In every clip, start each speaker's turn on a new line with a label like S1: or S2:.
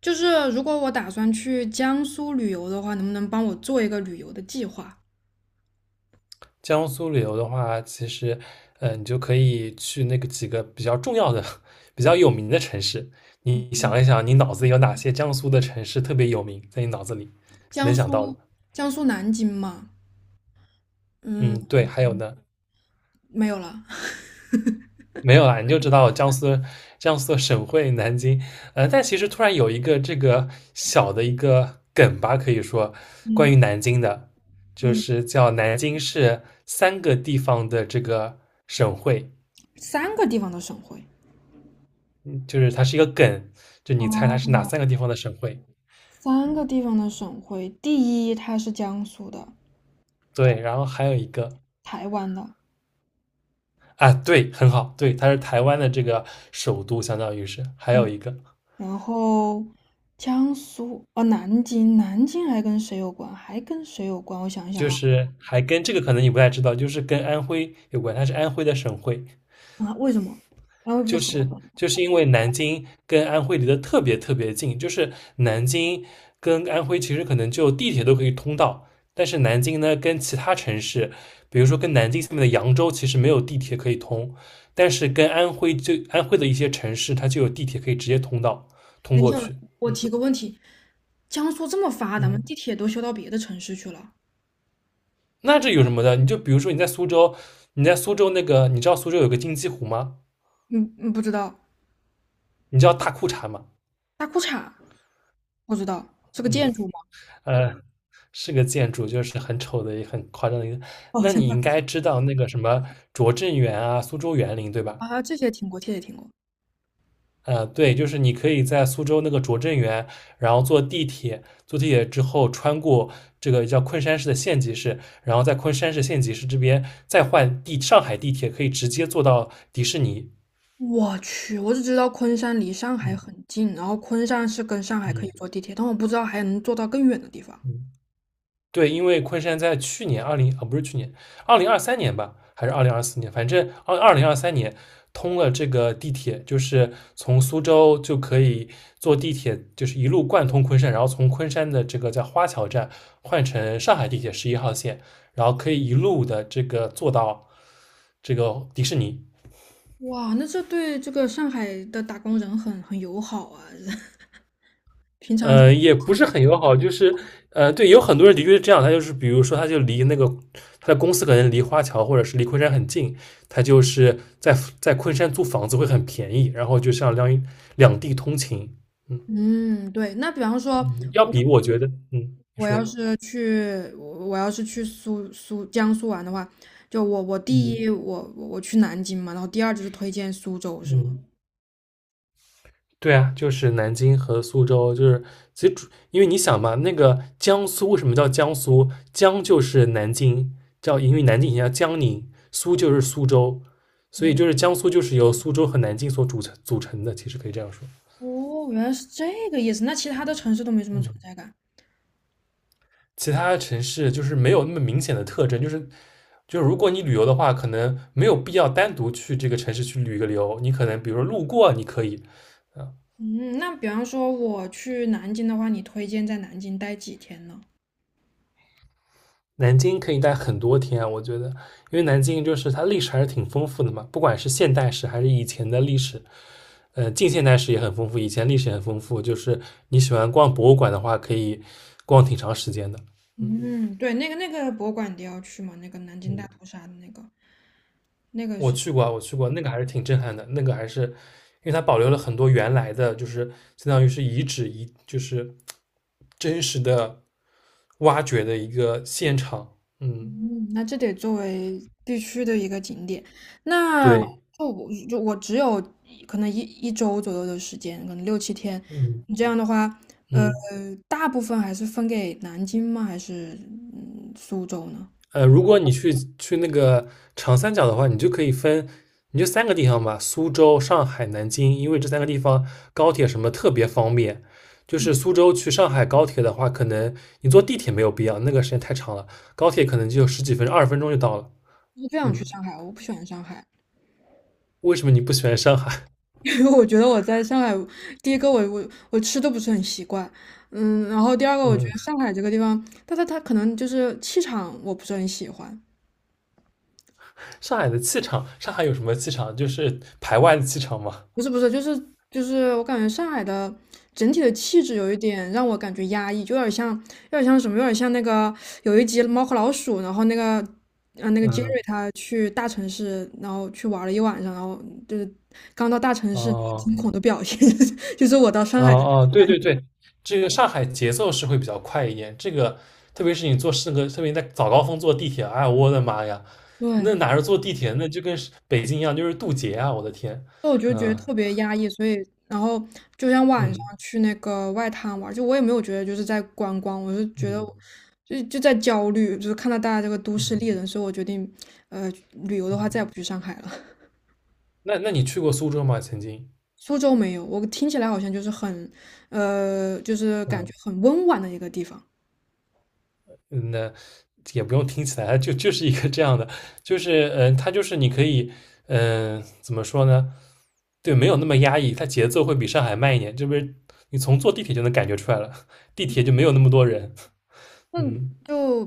S1: 就是如果我打算去江苏旅游的话，能不能帮我做一个旅游的计划？
S2: 江苏旅游的话，其实，你就可以去那个几个比较重要的、比较有名的城市。你想一想，你脑子里有哪些江苏的城市特别有名，在你脑子里
S1: 江
S2: 能想到
S1: 苏，
S2: 的？
S1: 江苏南京嘛，
S2: 嗯，
S1: 嗯，
S2: 对，还有呢，
S1: 没有了，
S2: 没有啦，你就知道江苏省会南京。但其实突然有一个这个小的一个梗吧，可以说关
S1: 嗯
S2: 于南京的，就
S1: 嗯，
S2: 是叫南京是三个地方的这个省会。
S1: 三个地方的省会。
S2: 就是它是一个梗，就你猜它是哪
S1: 哦，
S2: 三个地方的省会？
S1: 三个地方的省会，第一它是江苏的，
S2: 对，然后还有一个
S1: 台湾的，
S2: 啊，对，很好，对，它是台湾的这个首都，相当于是还有
S1: 嗯，
S2: 一个
S1: 然后江苏，哦，南京，南京还跟谁有关？还跟谁有关？我想一想
S2: 就
S1: 啊，
S2: 是还跟这个可能你不太知道，就是跟安徽有关，它是安徽的省会，
S1: 啊，为什么？啊，又不是
S2: 就
S1: 河
S2: 是
S1: 北。
S2: 就是因为南京跟安徽离得特别特别近，就是南京跟安徽其实可能就地铁都可以通到，但是南京呢跟其他城市，比如说跟南京下面的扬州，其实没有地铁可以通，但是跟安徽就安徽的一些城市，它就有地铁可以直接通
S1: 等一
S2: 过
S1: 下，
S2: 去。
S1: 我
S2: 嗯
S1: 提个问题，江苏这么发达吗？
S2: 嗯，
S1: 地铁都修到别的城市去了。
S2: 那这有什么的？你就比如说你在苏州那个，你知道苏州有个金鸡湖吗？
S1: 嗯嗯，不知道。
S2: 你知道大裤衩吗？
S1: 大裤衩，不知道，是个
S2: 嗯
S1: 建筑吗？
S2: 呃，是个建筑，就是很丑的、也很夸张的一个。
S1: 哦，好
S2: 那
S1: 像
S2: 你
S1: 大
S2: 应
S1: 裤
S2: 该
S1: 衩
S2: 知道那个什么拙政园啊、苏州园林，对吧？
S1: 啊，这些听过，这些听过。
S2: 对，就是你可以在苏州那个拙政园，然后坐地铁，坐地铁之后穿过这个叫昆山市的县级市，然后在昆山市县级市这边再换地上海地铁，可以直接坐到迪士尼。
S1: 我去，我只知道昆山离上海
S2: 嗯
S1: 很近，然后昆山是跟上海可以
S2: 嗯
S1: 坐地铁，但我不知道还能坐到更远的地方。
S2: 嗯。对，因为昆山在去年二零啊，不是去年，二零二三年吧，还是2024年，反正二零二三年通了这个地铁，就是从苏州就可以坐地铁，就是一路贯通昆山，然后从昆山的这个在花桥站换乘上海地铁11号线，然后可以一路的这个坐到这个迪士尼。
S1: 哇，那这对这个上海的打工人很友好啊！平常跟
S2: 也不是很友好，就是对，有很多人的确是这样，他就是比如说，他就离那个他的公司可能离花桥或者是离昆山很近，他就是在昆山租房子会很便宜，然后就像两地通勤，嗯
S1: 嗯，对。那比方说，
S2: 嗯，要比我觉得，嗯，你
S1: 我要
S2: 说，
S1: 是去，我我要是去苏苏江苏玩的话，就我第
S2: 嗯
S1: 一我去南京嘛，然后第二就是推荐苏州，是吗？
S2: 嗯。对啊，就是南京和苏州，就是其实因为你想嘛，那个江苏为什么叫江苏？江就是南京，因为南京以前叫江宁，苏就是苏州，所以就是江苏就是由苏州和南京所组成的，其实可以这样说。
S1: 哦，原来是这个意思。那其他的城市都没什么存
S2: 嗯，
S1: 在感。
S2: 其他城市就是没有那么明显的特征，就是就是如果你旅游的话，可能没有必要单独去这个城市去旅个游，你可能比如说路过你可以，
S1: 嗯，那比方说我去南京的话，你推荐在南京待几天呢？
S2: 南京可以待很多天啊我觉得，因为南京就是它历史还是挺丰富的嘛，不管是现代史还是以前的历史，近现代史也很丰富，以前历史也很丰富。就是你喜欢逛博物馆的话，可以逛挺长时间的。嗯
S1: 嗯，对，那个博物馆你都要去嘛，那个南京
S2: 嗯，
S1: 大屠杀的那个，那个
S2: 我
S1: 是。
S2: 去过啊，我去过，那个还是挺震撼的，那个还是因为它保留了很多原来的，就是相当于是遗址，就是真实的挖掘的一个现场。嗯，
S1: 嗯，那这得作为必须的一个景点。那
S2: 对，
S1: 就我只有可能一周左右的时间，可能6、7天。
S2: 嗯
S1: 你这样的话，呃，
S2: 嗯。
S1: 大部分还是分给南京吗？还是苏州呢？
S2: 如果你去那个长三角的话，你就可以分，你就三个地方吧，苏州、上海、南京，因为这三个地方高铁什么特别方便。就是苏州去上海高铁的话，可能你坐地铁没有必要，那个时间太长了，高铁可能就十几分钟、20分钟就到了。
S1: 我不想去
S2: 嗯，
S1: 上海，我不喜欢上海，
S2: 为什么你不喜欢上海？
S1: 因为我觉得我在上海，第一个我吃都不是很习惯，嗯，然后第二个 我觉
S2: 嗯，
S1: 得上海这个地方，但它可能就是气场我不是很喜欢，
S2: 上海的气场，上海有什么气场？就是排外的气场嘛。
S1: 不是不是，就是我感觉上海的整体的气质有一点让我感觉压抑，就有点像什么，有点像有一集《猫和老鼠》，然后杰
S2: 嗯，
S1: 瑞他去大城市，然后去玩了一晚上，然后就是刚到大城市
S2: 哦。
S1: 惊恐的表现，就是我到上
S2: 哦
S1: 海的
S2: 哦，对
S1: 感觉。
S2: 对对，这个上海节奏是会比较快一点。这个特别是你坐那个，特别你在早高峰坐地铁，哎呀，我的妈呀，
S1: 对，
S2: 那哪是坐地铁，那就跟是北京一样，就是渡劫啊！我的天，
S1: 那我就觉得
S2: 嗯
S1: 特别压抑，所以然后就像晚上
S2: 嗯
S1: 去那个外滩玩儿就我也没有觉得就是在观光，我就觉得
S2: 嗯
S1: 就在焦虑，就是看到大家这个都市丽
S2: 嗯
S1: 人，所以我决定，呃，旅游的话再也
S2: 嗯，
S1: 不去上海了。
S2: 那你去过苏州吗？曾经？
S1: 苏州没有，我听起来好像就是很，就是感觉
S2: 嗯。
S1: 很温婉的一个地方。
S2: 嗯，那也不用听起来，就是一个这样的，就是它就是你可以，怎么说呢？对，没有那么压抑，它节奏会比上海慢一点，这不是你从坐地铁就能感觉出来了，地铁就没有那么多人，
S1: 那
S2: 嗯。
S1: 就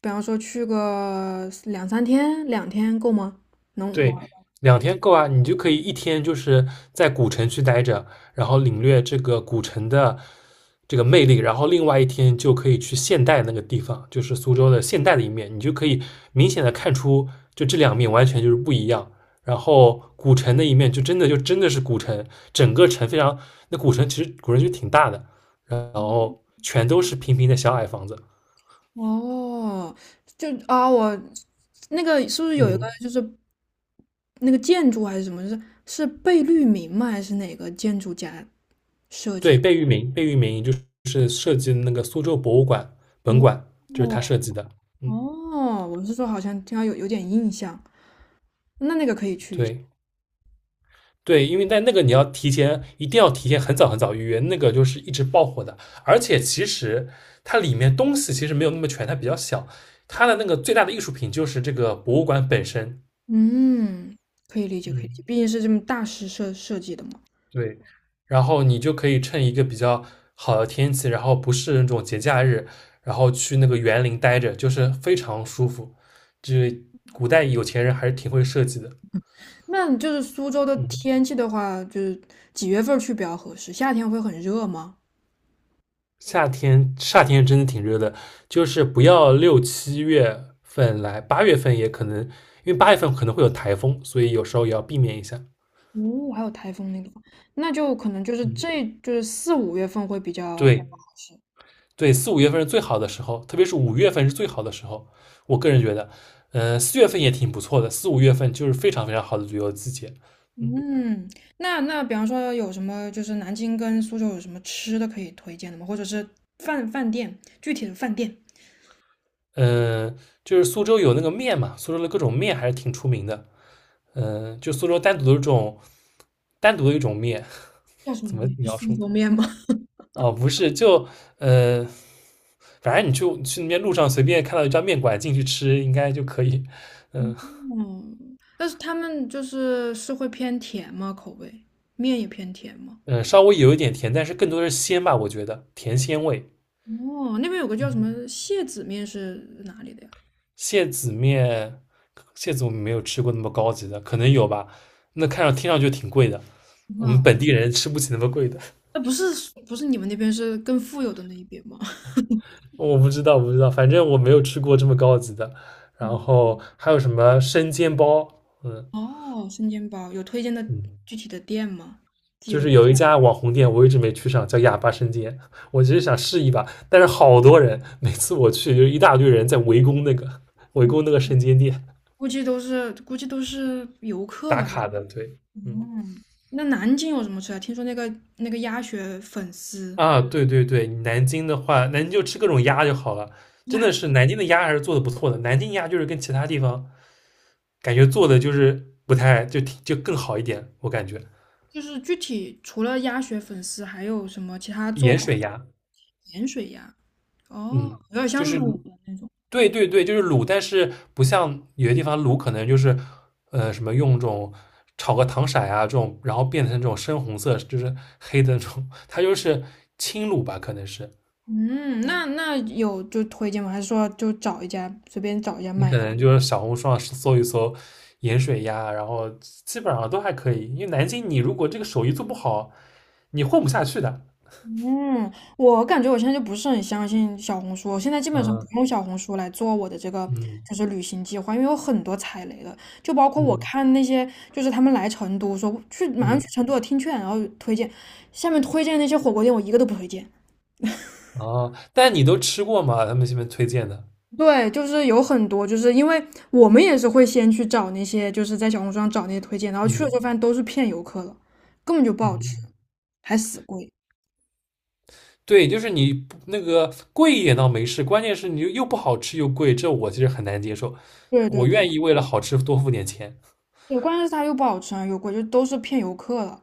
S1: 比方说去个2、3天，2天够吗？能玩？
S2: 对，2天够啊，你就可以一天就是在古城区待着，然后领略这个古城的这个魅力，然后另外一天就可以去现代那个地方，就是苏州的现代的一面，你就可以明显的看出，就这两面完全就是不一样。然后古城的一面就真的是古城，整个城非常，那古城就挺大的，然后全都是平平的小矮房子，
S1: 哦，就啊，我那个是不是有一个
S2: 嗯。
S1: 就是那个建筑还是什么，是贝聿铭吗？还是哪个建筑家设计
S2: 对，
S1: 的？
S2: 贝聿铭，贝聿铭就是设计的那个苏州博物馆本
S1: 哦
S2: 馆，就是他
S1: 哦
S2: 设计的。嗯，
S1: 哦，我是说好像听到有点印象，那个可以去一下。
S2: 对对，因为在那个你要提前，一定要提前很早很早预约，那个就是一直爆火的。而且其实它里面东西其实没有那么全，它比较小。它的那个最大的艺术品就是这个博物馆本身。
S1: 嗯，可以理解，可以理解，
S2: 嗯。
S1: 毕竟是这么大师设计的嘛。
S2: 对，然后你就可以趁一个比较好的天气，然后不是那种节假日，然后去那个园林待着，就是非常舒服。就是古代有钱人还是挺会设计的。
S1: 那就是苏州的
S2: 嗯，
S1: 天气的话，就是几月份儿去比较合适？夏天会很热吗？
S2: 夏天真的挺热的，就是不要6、7月份来，八月份也可能，因为八月份可能会有台风，所以有时候也要避免一下。
S1: 哦，还有台风那个，那就可能就是
S2: 嗯，
S1: 这就是4、5月份会比较合
S2: 对，
S1: 适。
S2: 对，四五月份是最好的时候，特别是五月份是最好的时候。我个人觉得，4月份也挺不错的，四五月份就是非常非常好的旅游季节。嗯
S1: 嗯，那比方说有什么，就是南京跟苏州有什么吃的可以推荐的吗？或者是饭店，具体的饭店
S2: 嗯、呃就是苏州有那个面嘛，苏州的各种面还是挺出名的。就苏州单独的一种面，
S1: 叫什
S2: 怎
S1: 么
S2: 么
S1: 面？是
S2: 描
S1: 苏
S2: 述呢？
S1: 州面吗？
S2: 哦，不是，就呃，反正你去那边路上随便看到一家面馆进去吃，应该就可以。嗯、呃
S1: 嗯，但是他们就是会偏甜吗？口味，面也偏甜吗？
S2: 稍微有一点甜，但是更多的是鲜吧，我觉得甜鲜味。
S1: 哦，那边有个叫什
S2: 嗯。
S1: 么蟹籽面是哪里的呀？
S2: 蟹子面，蟹子我们没有吃过那么高级的，可能有吧。那听上去挺贵的，我们
S1: 啊，
S2: 本地人吃不起那么贵的。
S1: 那不是你们那边是更富有的那一边吗？
S2: 我不知道，不知道，反正我没有吃过这么高级的。
S1: 嗯
S2: 然后还有什么生煎包？嗯
S1: 哦，生煎包有推荐的
S2: 嗯，
S1: 具体的店吗？记
S2: 就
S1: 录。
S2: 是有一家网红店，我一直没去上，叫哑巴生煎。我其实想试一把，但是好多人，每次我去就一大堆人在围攻那个 围攻那个生煎店
S1: 估计都是游客
S2: 打
S1: 吧。
S2: 卡的。对，嗯。
S1: 嗯，那南京有什么吃啊？听说那个鸭血粉丝，
S2: 啊，对对对，南京的话，南京就吃各种鸭就好了。真的
S1: 鸭
S2: 是南京的鸭还是做的不错的，南京鸭就是跟其他地方感觉做的就是不太就挺就更好一点，我感觉
S1: 就是具体除了鸭血粉丝，还有什么其他做
S2: 盐
S1: 法？
S2: 水鸭，
S1: 盐水鸭。哦，
S2: 嗯，
S1: 有点
S2: 就
S1: 像
S2: 是
S1: 卤的那种。
S2: 对对对，就是卤，但是不像有些地方卤可能就是什么用这种炒个糖色啊这种，然后变成这种深红色，就是黑的那种，它就是轻卤吧，可能是，
S1: 嗯，那有就推荐吗？还是说就找一家随便找一家
S2: 你
S1: 买
S2: 可
S1: 的？
S2: 能就是小红书上搜一搜盐水鸭，然后基本上都还可以。因为南京，你如果这个手艺做不好，你混不下去的。
S1: 嗯，我感觉我现在就不是很相信小红书，我现在基本上不
S2: 嗯
S1: 用小红书来做我的这个
S2: 嗯
S1: 就是旅行计划，因为有很多踩雷的，就包括我
S2: 嗯
S1: 看那些就是他们来成都说去马上
S2: 嗯，
S1: 去成都的听劝，然后推荐下面推荐那些火锅店，我一个都不推荐。
S2: 哦，但你都吃过吗？他们这边推荐的，
S1: 对，就是有很多，就是因为我们也是会先去找那些，就是在小红书上找那些推荐，然后去了
S2: 嗯
S1: 之后发现都是骗游客的，根本就不好吃，
S2: 嗯，
S1: 还死贵。
S2: 对，就是你不那个贵一点倒没事，关键是你又不好吃又贵，这我其实很难接受。
S1: 对对
S2: 我
S1: 对，
S2: 愿意为了好吃多付点钱。
S1: 对，关键是它又不好吃啊，又贵，就都是骗游客的。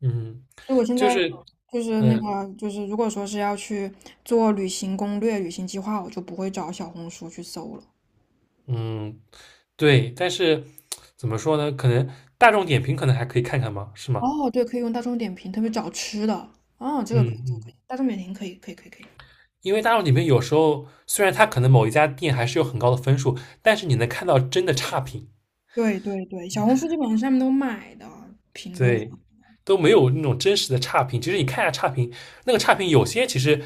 S2: 嗯，
S1: 所以我现
S2: 就
S1: 在
S2: 是，
S1: 就是那
S2: 嗯
S1: 个，就是如果说是要去做旅行攻略、旅行计划，我就不会找小红书去搜了。
S2: 嗯，对，但是怎么说呢？可能大众点评可能还可以看看嘛，是吗？
S1: 哦，对，可以用大众点评，特别找吃的。哦，这个
S2: 嗯
S1: 可以，这个可
S2: 嗯，
S1: 以，大众点评可以，可以，可以，可以。
S2: 因为大众点评有时候虽然它可能某一家店还是有很高的分数，但是你能看到真的差评，
S1: 对对对，小红书基本上上面都买的评论
S2: 对，
S1: 嘛，
S2: 都没有那种真实的差评。其实你看一下差评，那个差评有些其实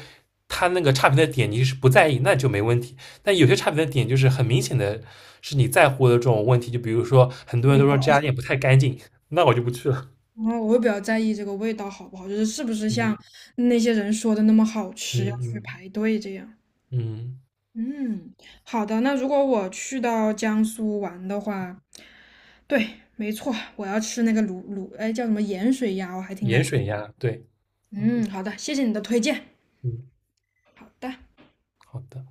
S2: 它那个差评的点你是不在意，那就没问题。但有些差评的点就是很明显的是你在乎的这种问题，就比如说很多人
S1: 对，
S2: 都说这家店不太干净，那我就不去了。
S1: 然后我会比较在意这个味道好不好，就是是不是
S2: 嗯
S1: 像那些人说的那么好
S2: 嗯
S1: 吃，要去
S2: 嗯
S1: 排队这样。
S2: 嗯。
S1: 嗯，好的。那如果我去到江苏玩的话，对，没错，我要吃那个卤，哎，叫什么盐水鸭，我还挺感
S2: 盐水
S1: 兴趣。
S2: 鸭，对，嗯
S1: 嗯，好的，谢谢你的推荐。
S2: 嗯，
S1: 好的。
S2: 好的。